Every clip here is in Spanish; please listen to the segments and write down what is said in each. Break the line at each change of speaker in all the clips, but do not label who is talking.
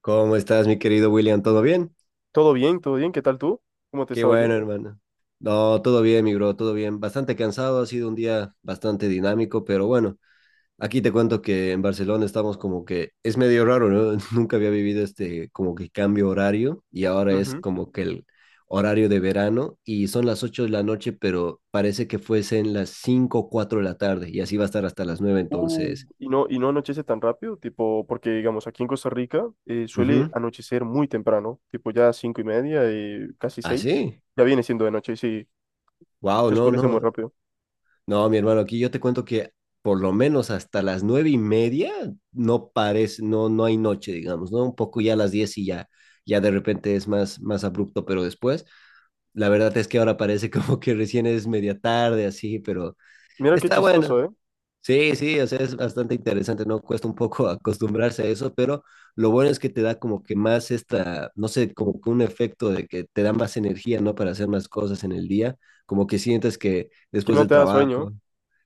¿Cómo estás, mi querido William? ¿Todo bien?
Todo bien, todo bien. ¿Qué tal tú? ¿Cómo te
Qué
estaba
bueno,
yendo?
hermano. No, todo bien, mi bro, todo bien. Bastante cansado, ha sido un día bastante dinámico, pero bueno, aquí te cuento que en Barcelona estamos como que es medio raro, ¿no? Nunca había vivido este como que cambio horario y ahora es
Ujú.
como que el horario de verano y son las 8 de la noche, pero parece que fuesen las 5 o 4 de la tarde y así va a estar hasta las 9 entonces.
Y no, y no anochece tan rápido, tipo, porque digamos, aquí en Costa Rica suele
Ujú.
anochecer muy temprano, tipo ya 5:30, casi
¿Ah,
seis.
sí?
Ya viene siendo de noche, sí,
Wow,
se
no,
oscurece muy
no.
rápido.
No, mi hermano, aquí yo te cuento que por lo menos hasta las 9 y media no parece, no, no hay noche, digamos, ¿no? Un poco ya a las 10 y ya de repente es más abrupto, pero después, la verdad es que ahora parece como que recién es media tarde, así, pero
Mira qué
está bueno.
chistoso, ¿eh?
Sí, sí, o sea, es bastante interesante, ¿no? Cuesta un poco acostumbrarse a eso, pero lo bueno es que te da como que más esta, no sé, como que un efecto de que te da más energía, ¿no? Para hacer más cosas en el día, como que sientes que
Que
después
no
del
te da sueño.
trabajo.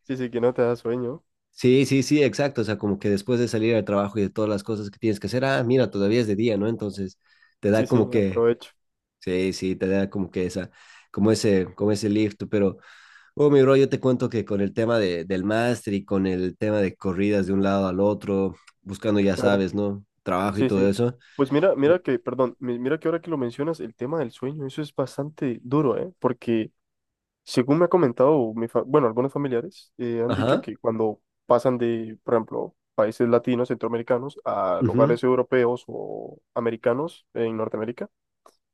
Sí, sí, que no te da sueño.
Sí, sí, sí, exacto. O sea, como que después de salir al trabajo y de todas las cosas que tienes que hacer, ah, mira, todavía es de día, ¿no? Entonces, te da
Sí, sí,
como que,
aprovecho.
sí, sí, te da como que esa, como ese lift. Pero, oh, mi bro, yo te cuento que con el tema del máster y con el tema de corridas de un lado al otro, buscando, ya
Claro.
sabes, ¿no? Trabajo y
Sí,
todo
sí.
eso.
Pues mira, mira
Ye-
que, perdón, mira que ahora que lo mencionas, el tema del sueño, eso es bastante duro, ¿eh? Porque según me ha comentado, bueno, algunos familiares han dicho
Ajá.
que cuando pasan de, por ejemplo, países latinos, centroamericanos, a
Ujú.
lugares europeos o americanos en Norteamérica,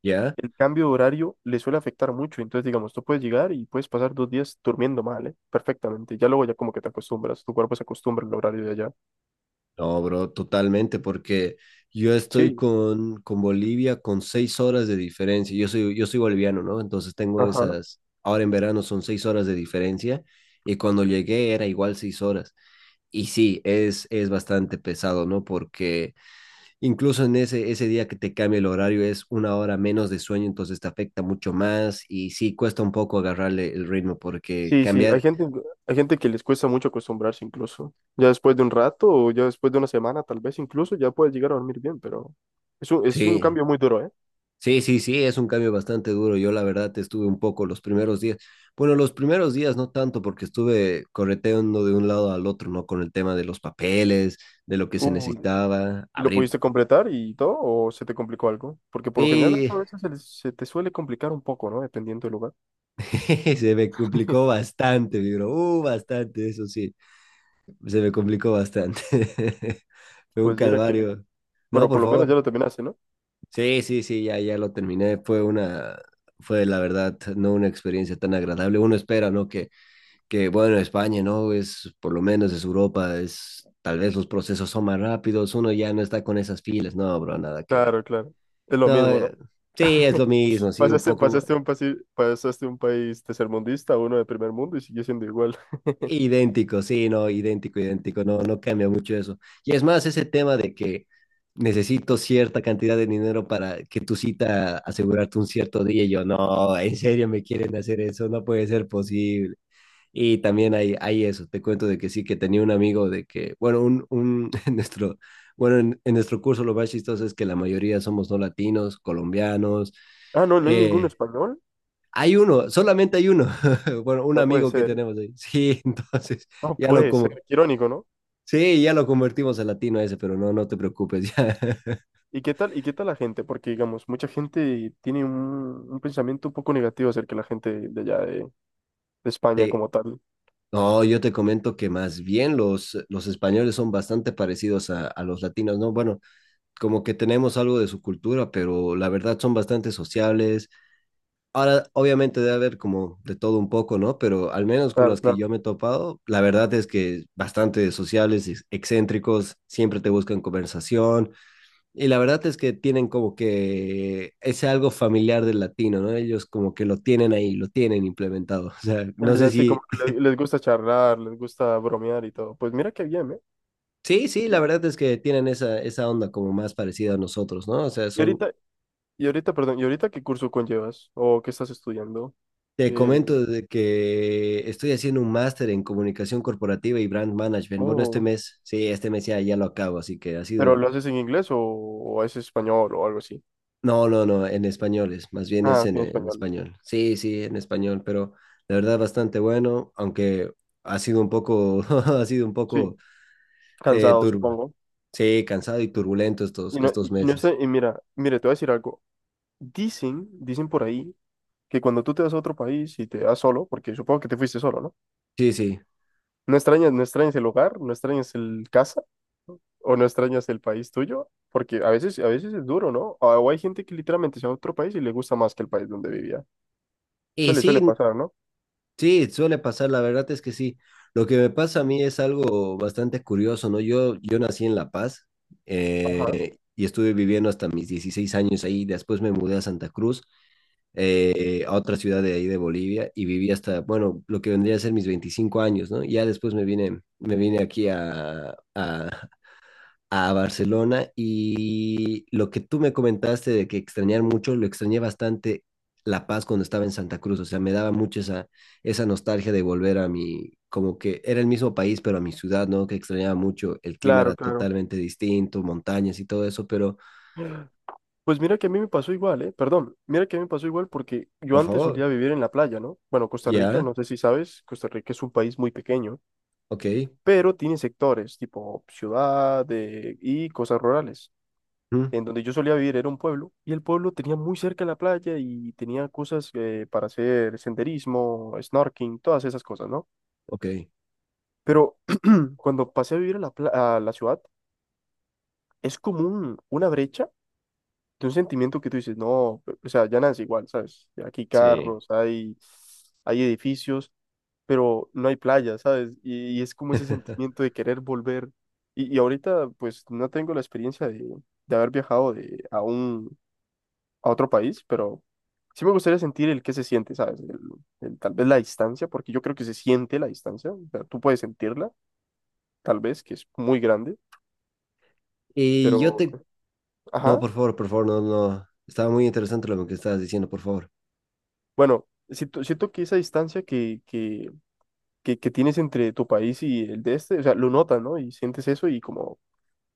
Ya.
el cambio de horario les suele afectar mucho. Entonces, digamos, tú puedes llegar y puedes pasar 2 días durmiendo mal, ¿eh? Perfectamente. Ya luego ya como que te acostumbras, tu cuerpo se acostumbra al horario de allá.
No, bro, totalmente, porque yo estoy
Sí,
con Bolivia con 6 horas de diferencia. Yo soy boliviano, ¿no? Entonces tengo
ajá.
esas, ahora en verano son 6 horas de diferencia y cuando llegué era igual 6 horas. Y sí, es bastante pesado, ¿no? Porque incluso en ese día que te cambia el horario es una hora menos de sueño, entonces te afecta mucho más y sí, cuesta un poco agarrarle el ritmo porque
Sí, sí,
cambiar,
hay gente que les cuesta mucho acostumbrarse incluso. Ya después de un rato o ya después de 1 semana, tal vez incluso ya puedes llegar a dormir bien, pero es un
sí,
cambio muy duro, ¿eh?
sí, sí, sí, es un cambio bastante duro. Yo la verdad estuve un poco los primeros días. Bueno, los primeros días no tanto porque estuve correteando de un lado al otro, ¿no? Con el tema de los papeles, de lo que se
Uh,
necesitaba,
¿Y lo
abrir.
pudiste completar y todo o se te complicó algo? Porque por lo general
Y
a veces se te suele complicar un poco, ¿no? Dependiendo del lugar.
se me complicó bastante, digo, bastante, eso sí, se me complicó bastante. Fue un
Pues mira que,
calvario. No,
pero
por
por lo menos ya
favor.
lo terminaste, ¿no?
Sí, sí, sí, ya lo terminé. Fue la verdad, no una experiencia tan agradable. Uno espera, ¿no? Que bueno, España, ¿no? Es, por lo menos es Europa, es, tal vez los procesos son más rápidos, uno ya no está con esas filas, no, bro, nada que ver.
Claro, claro. Es lo
No,
mismo, ¿no?
sí, es lo mismo, sí, un poco
Pasaste un país tercermundista a uno de primer mundo y sigue siendo igual.
idéntico, sí, no, idéntico, idéntico, no, no cambia mucho eso. Y es más, ese tema de que necesito cierta cantidad de dinero para que tu cita asegurarte un cierto día, y yo, no, en serio me quieren hacer eso, no puede ser posible. Y también hay eso, te cuento de que sí, que tenía un amigo de que, bueno, bueno, en nuestro curso lo más chistoso es que la mayoría somos no latinos, colombianos.
Ah, no, no hay ningún
eh,
español.
Hay uno, solamente hay uno, bueno, un
No puede
amigo que
ser.
tenemos ahí. Sí, entonces
No
ya lo
puede ser,
como,
qué irónico, ¿no?
sí, ya lo convertimos a latino ese, pero no, no te preocupes, ya.
Y qué tal la gente? Porque, digamos, mucha gente tiene un pensamiento un poco negativo acerca de la gente de allá de España
Sí.
como tal.
No, yo te comento que más bien los españoles son bastante parecidos a los latinos, ¿no? Bueno, como que tenemos algo de su cultura, pero la verdad son bastante sociables. Ahora, obviamente debe haber como de todo un poco, ¿no? Pero al menos con
Claro,
las que
claro.
yo me he topado, la verdad es que bastante sociables excéntricos, siempre te buscan conversación. Y la verdad es que tienen como que ese algo familiar del latino, ¿no? Ellos como que lo tienen ahí, lo tienen implementado. O sea, no sé
Allá sí, como
si...
que les gusta charlar, les gusta bromear y todo. Pues mira qué bien, ¿eh?
Sí, sí, la verdad es que tienen esa onda como más parecida a nosotros, ¿no? O sea,
Y
son.
ahorita, y ahorita, perdón, ¿y ahorita qué curso conllevas? ¿O qué estás estudiando?
Te
¿Qué?
comento de que estoy haciendo un máster en comunicación corporativa y brand management. Bueno, este
Oh,
mes, sí, este mes ya lo acabo, así que ha
¿pero
sido...
lo haces en inglés o es español o algo así?
No, no, no, en español es, más bien
Ah,
es
ok,
en,
en
en
español.
español. Sí, sí, en español, pero la verdad bastante bueno, aunque ha sido un poco, ha sido un
Sí,
poco
cansado,
turbo.
supongo.
Sí, cansado y turbulento estos,
Y no,
estos
y no está,
meses.
y mira, mire, te voy a decir algo. Dicen, dicen por ahí que cuando tú te vas a otro país y te vas solo, porque supongo que te fuiste solo, ¿no?
Sí, sí.
No extrañas, no extrañas el hogar, no extrañas el casa o no extrañas el país tuyo, porque a veces es duro, ¿no? O hay gente que literalmente se va a otro país y le gusta más que el país donde vivía.
Y
Suele,
sí,
suele pasar, ¿no?
sí, suele pasar, la verdad es que sí. Lo que me pasa a mí es algo bastante curioso, ¿no? Yo nací en La Paz,
Ajá.
y estuve viviendo hasta mis 16 años ahí, después me mudé a Santa Cruz, a otra ciudad de ahí de Bolivia, y viví hasta, bueno, lo que vendría a ser mis 25 años, ¿no? Ya después me vine aquí a Barcelona, y lo que tú me comentaste de que extrañar mucho, lo extrañé bastante La Paz cuando estaba en Santa Cruz, o sea, me daba mucho esa nostalgia de volver a mi, como que era el mismo país, pero a mi ciudad, ¿no? Que extrañaba mucho, el clima era
Claro, claro.
totalmente distinto, montañas y todo eso, pero
Pues mira que a mí me pasó igual, ¿eh? Perdón, mira que a mí me pasó igual porque yo
por
antes solía
favor,
vivir en la playa, ¿no? Bueno, Costa Rica,
ya,
no sé si sabes, Costa Rica es un país muy pequeño,
ok,
pero tiene sectores tipo ciudad y cosas rurales.
mm,
En donde yo solía vivir era un pueblo y el pueblo tenía muy cerca la playa y tenía cosas para hacer senderismo, snorkeling, todas esas cosas, ¿no?
ok,
Pero cuando pasé a vivir a la, a la ciudad, es como una brecha de un sentimiento que tú dices, no, pe- o sea, ya nada es igual, ¿sabes? Aquí hay
sí.
carros, hay edificios, pero no hay playa, ¿sabes? Y es como ese sentimiento de querer volver. Y ahorita, pues, no tengo la experiencia de haber viajado de, aún a otro país, pero sí me gustaría sentir el que se siente, ¿sabes? El, tal vez la distancia, porque yo creo que se siente la distancia, o sea, tú puedes sentirla, tal vez, que es muy grande,
Y yo
pero,
te, no,
ajá,
por favor, no, no, estaba muy interesante lo que estabas diciendo, por favor.
bueno, siento, siento que esa distancia que tienes entre tu país y el de este, o sea, lo notas, ¿no? Y sientes eso y como,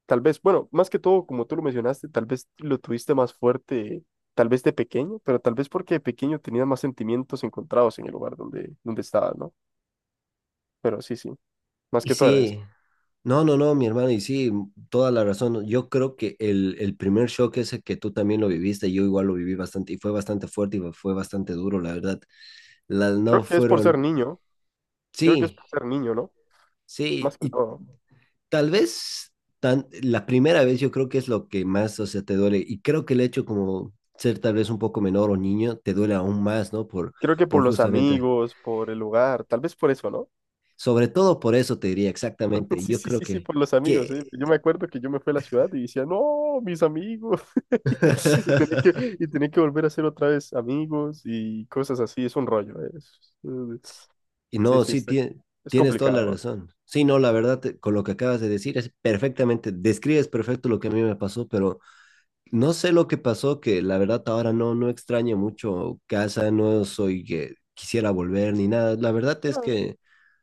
tal vez, bueno, más que todo, como tú lo mencionaste, tal vez lo tuviste más fuerte. Tal vez de pequeño, pero tal vez porque de pequeño tenías más sentimientos encontrados en el lugar donde, donde estabas, ¿no? Pero sí, sí, más
Y
que todo era eso.
sí, no, no, no, mi hermano, y sí, toda la razón. Yo creo que el primer shock ese que tú también lo viviste, yo igual lo viví bastante, y fue bastante fuerte y fue bastante duro, la verdad. Las no
Creo que es por ser
fueron,
niño, creo que es
sí,
por ser niño, ¿no?
sí,
Más que todo.
tal vez la primera vez yo creo que es lo que más, o sea, te duele. Y creo que el hecho como ser tal vez un poco menor o niño, te duele aún más, ¿no? Por,
Creo que por
por
los
justamente,
amigos, por el lugar, tal vez por eso, ¿no?
sobre todo por eso te diría exactamente.
Sí,
Yo
sí,
creo
sí, sí,
que,
por los amigos, ¿eh?
que...
Yo me acuerdo que yo me fui a la ciudad y decía, no, mis amigos. Y tenía que volver a ser otra vez amigos y cosas así, es un rollo, ¿eh?
Y
Sí,
no,
sí,
sí,
está- es
tienes toda la
complicado.
razón. Sí, no, la verdad, con lo que acabas de decir es perfectamente, describes perfecto lo que a mí me pasó, pero no sé lo que pasó, que la verdad ahora no, no extraño mucho casa, no soy que quisiera volver ni nada. La verdad es
Ah,
que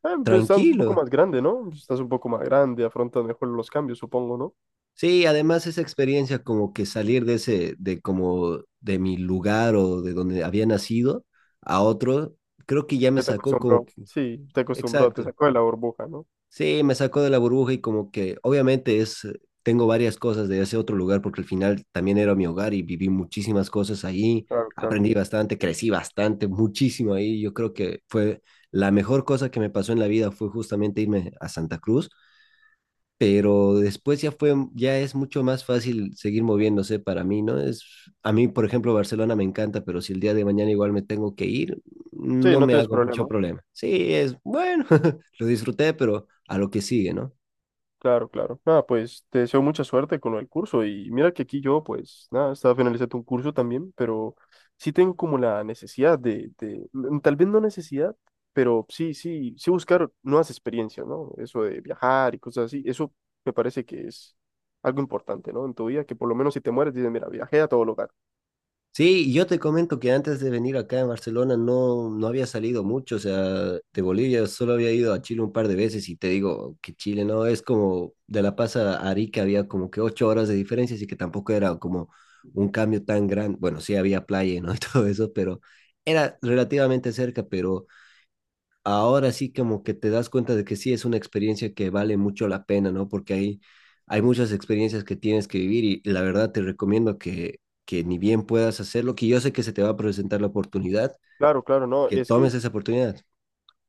ah, pues estás un poco
tranquilo.
más grande, ¿no? Estás un poco más grande, afrontas mejor los cambios, supongo, ¿no?
Sí, además esa experiencia como que salir de ese, de como de mi lugar o de donde había nacido a otro, creo que ya me
Ya te
sacó como
acostumbró,
que,
sí, te acostumbró, te
exacto.
sacó de la burbuja, ¿no?
Sí, me sacó de la burbuja y como que obviamente es, tengo varias cosas de ese otro lugar porque al final también era mi hogar y viví muchísimas cosas ahí,
Claro, claro.
aprendí bastante, crecí bastante, muchísimo ahí. Yo creo que fue la mejor cosa que me pasó en la vida fue justamente irme a Santa Cruz, pero después ya fue, ya es mucho más fácil seguir moviéndose para mí, ¿no? Es, a mí, por ejemplo, Barcelona me encanta, pero si el día de mañana igual me tengo que ir,
Sí,
no
no
me
tienes
hago mucho
problema.
problema. Sí, es bueno, lo disfruté, pero a lo que sigue, ¿no?
Claro, claro. Nada, pues te deseo mucha suerte con el curso. Y mira que aquí yo, pues, nada, estaba finalizando un curso también, pero sí tengo como la necesidad de, tal vez no necesidad, pero sí, sí, sí buscar nuevas experiencias, ¿no? Eso de viajar y cosas así, eso me parece que es algo importante, ¿no? En tu vida, que por lo menos si te mueres, dices, mira, viajé a todo lugar.
Sí, yo te comento que antes de venir acá en Barcelona no, no había salido mucho, o sea, de Bolivia solo había ido a Chile un par de veces y te digo que Chile no es como de La Paz a Arica había como que 8 horas de diferencia, así que tampoco era como un cambio tan grande, bueno, sí había playa, ¿no? y todo eso, pero era relativamente cerca, pero ahora sí como que te das cuenta de que sí es una experiencia que vale mucho la pena, ¿no? Porque hay muchas experiencias que tienes que vivir y la verdad te recomiendo que ni bien puedas hacerlo, que yo sé que se te va a presentar la oportunidad,
Claro, claro, no,
que
es que
tomes esa oportunidad.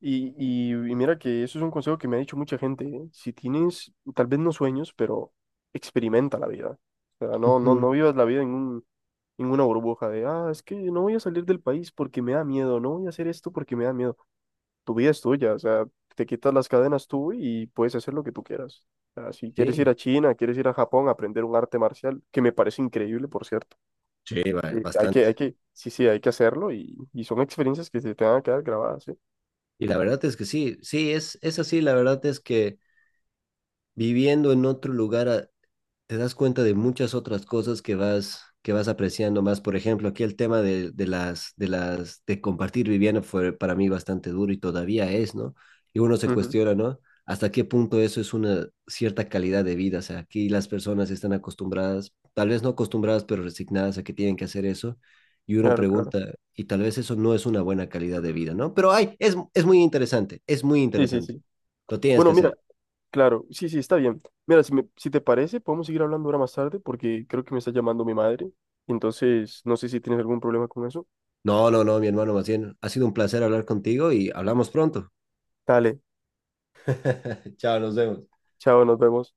y, y mira que eso es un consejo que me ha dicho mucha gente, ¿eh? Si tienes, tal vez no sueños, pero experimenta la vida. O sea, no, no,
Ujú.
no vivas la vida en un, en una burbuja de, ah, es que no voy a salir del país porque me da miedo, no voy a hacer esto porque me da miedo. Tu vida es tuya, o sea, te quitas las cadenas tú y puedes hacer lo que tú quieras. O sea, si quieres ir
Sí,
a China, quieres ir a Japón a aprender un arte marcial, que me parece increíble, por cierto.
sí, sí, bastante.
Hay que, sí, sí, hay que hacerlo y son experiencias que se te van a quedar grabadas, ¿sí?
Y la verdad es que sí, sí, es así, la verdad es que viviendo en otro lugar te das cuenta de muchas otras cosas que vas apreciando más. Por ejemplo, aquí el tema de compartir vivienda fue para mí bastante duro y todavía es, ¿no? Y uno se
Ujú,
cuestiona, ¿no? ¿Hasta qué punto eso es una cierta calidad de vida? O sea, aquí las personas están acostumbradas, tal vez no acostumbradas, pero resignadas a que tienen que hacer eso. Y uno
claro, claro.
pregunta, y tal vez eso no es una buena calidad de vida, ¿no? Pero ay es muy interesante, es muy
Sí, sí,
interesante.
sí.
Lo tienes
Bueno,
que
mira,
hacer.
claro, sí, sí, está bien. Mira, si, si te parece, podemos seguir hablando ahora más tarde porque creo que me está llamando mi madre. Entonces, no sé si tienes algún problema con eso.
No, no, no, mi hermano, más bien, ha sido un placer hablar contigo y hablamos pronto.
Dale,
Chao, nos vemos.
chao, nos vemos.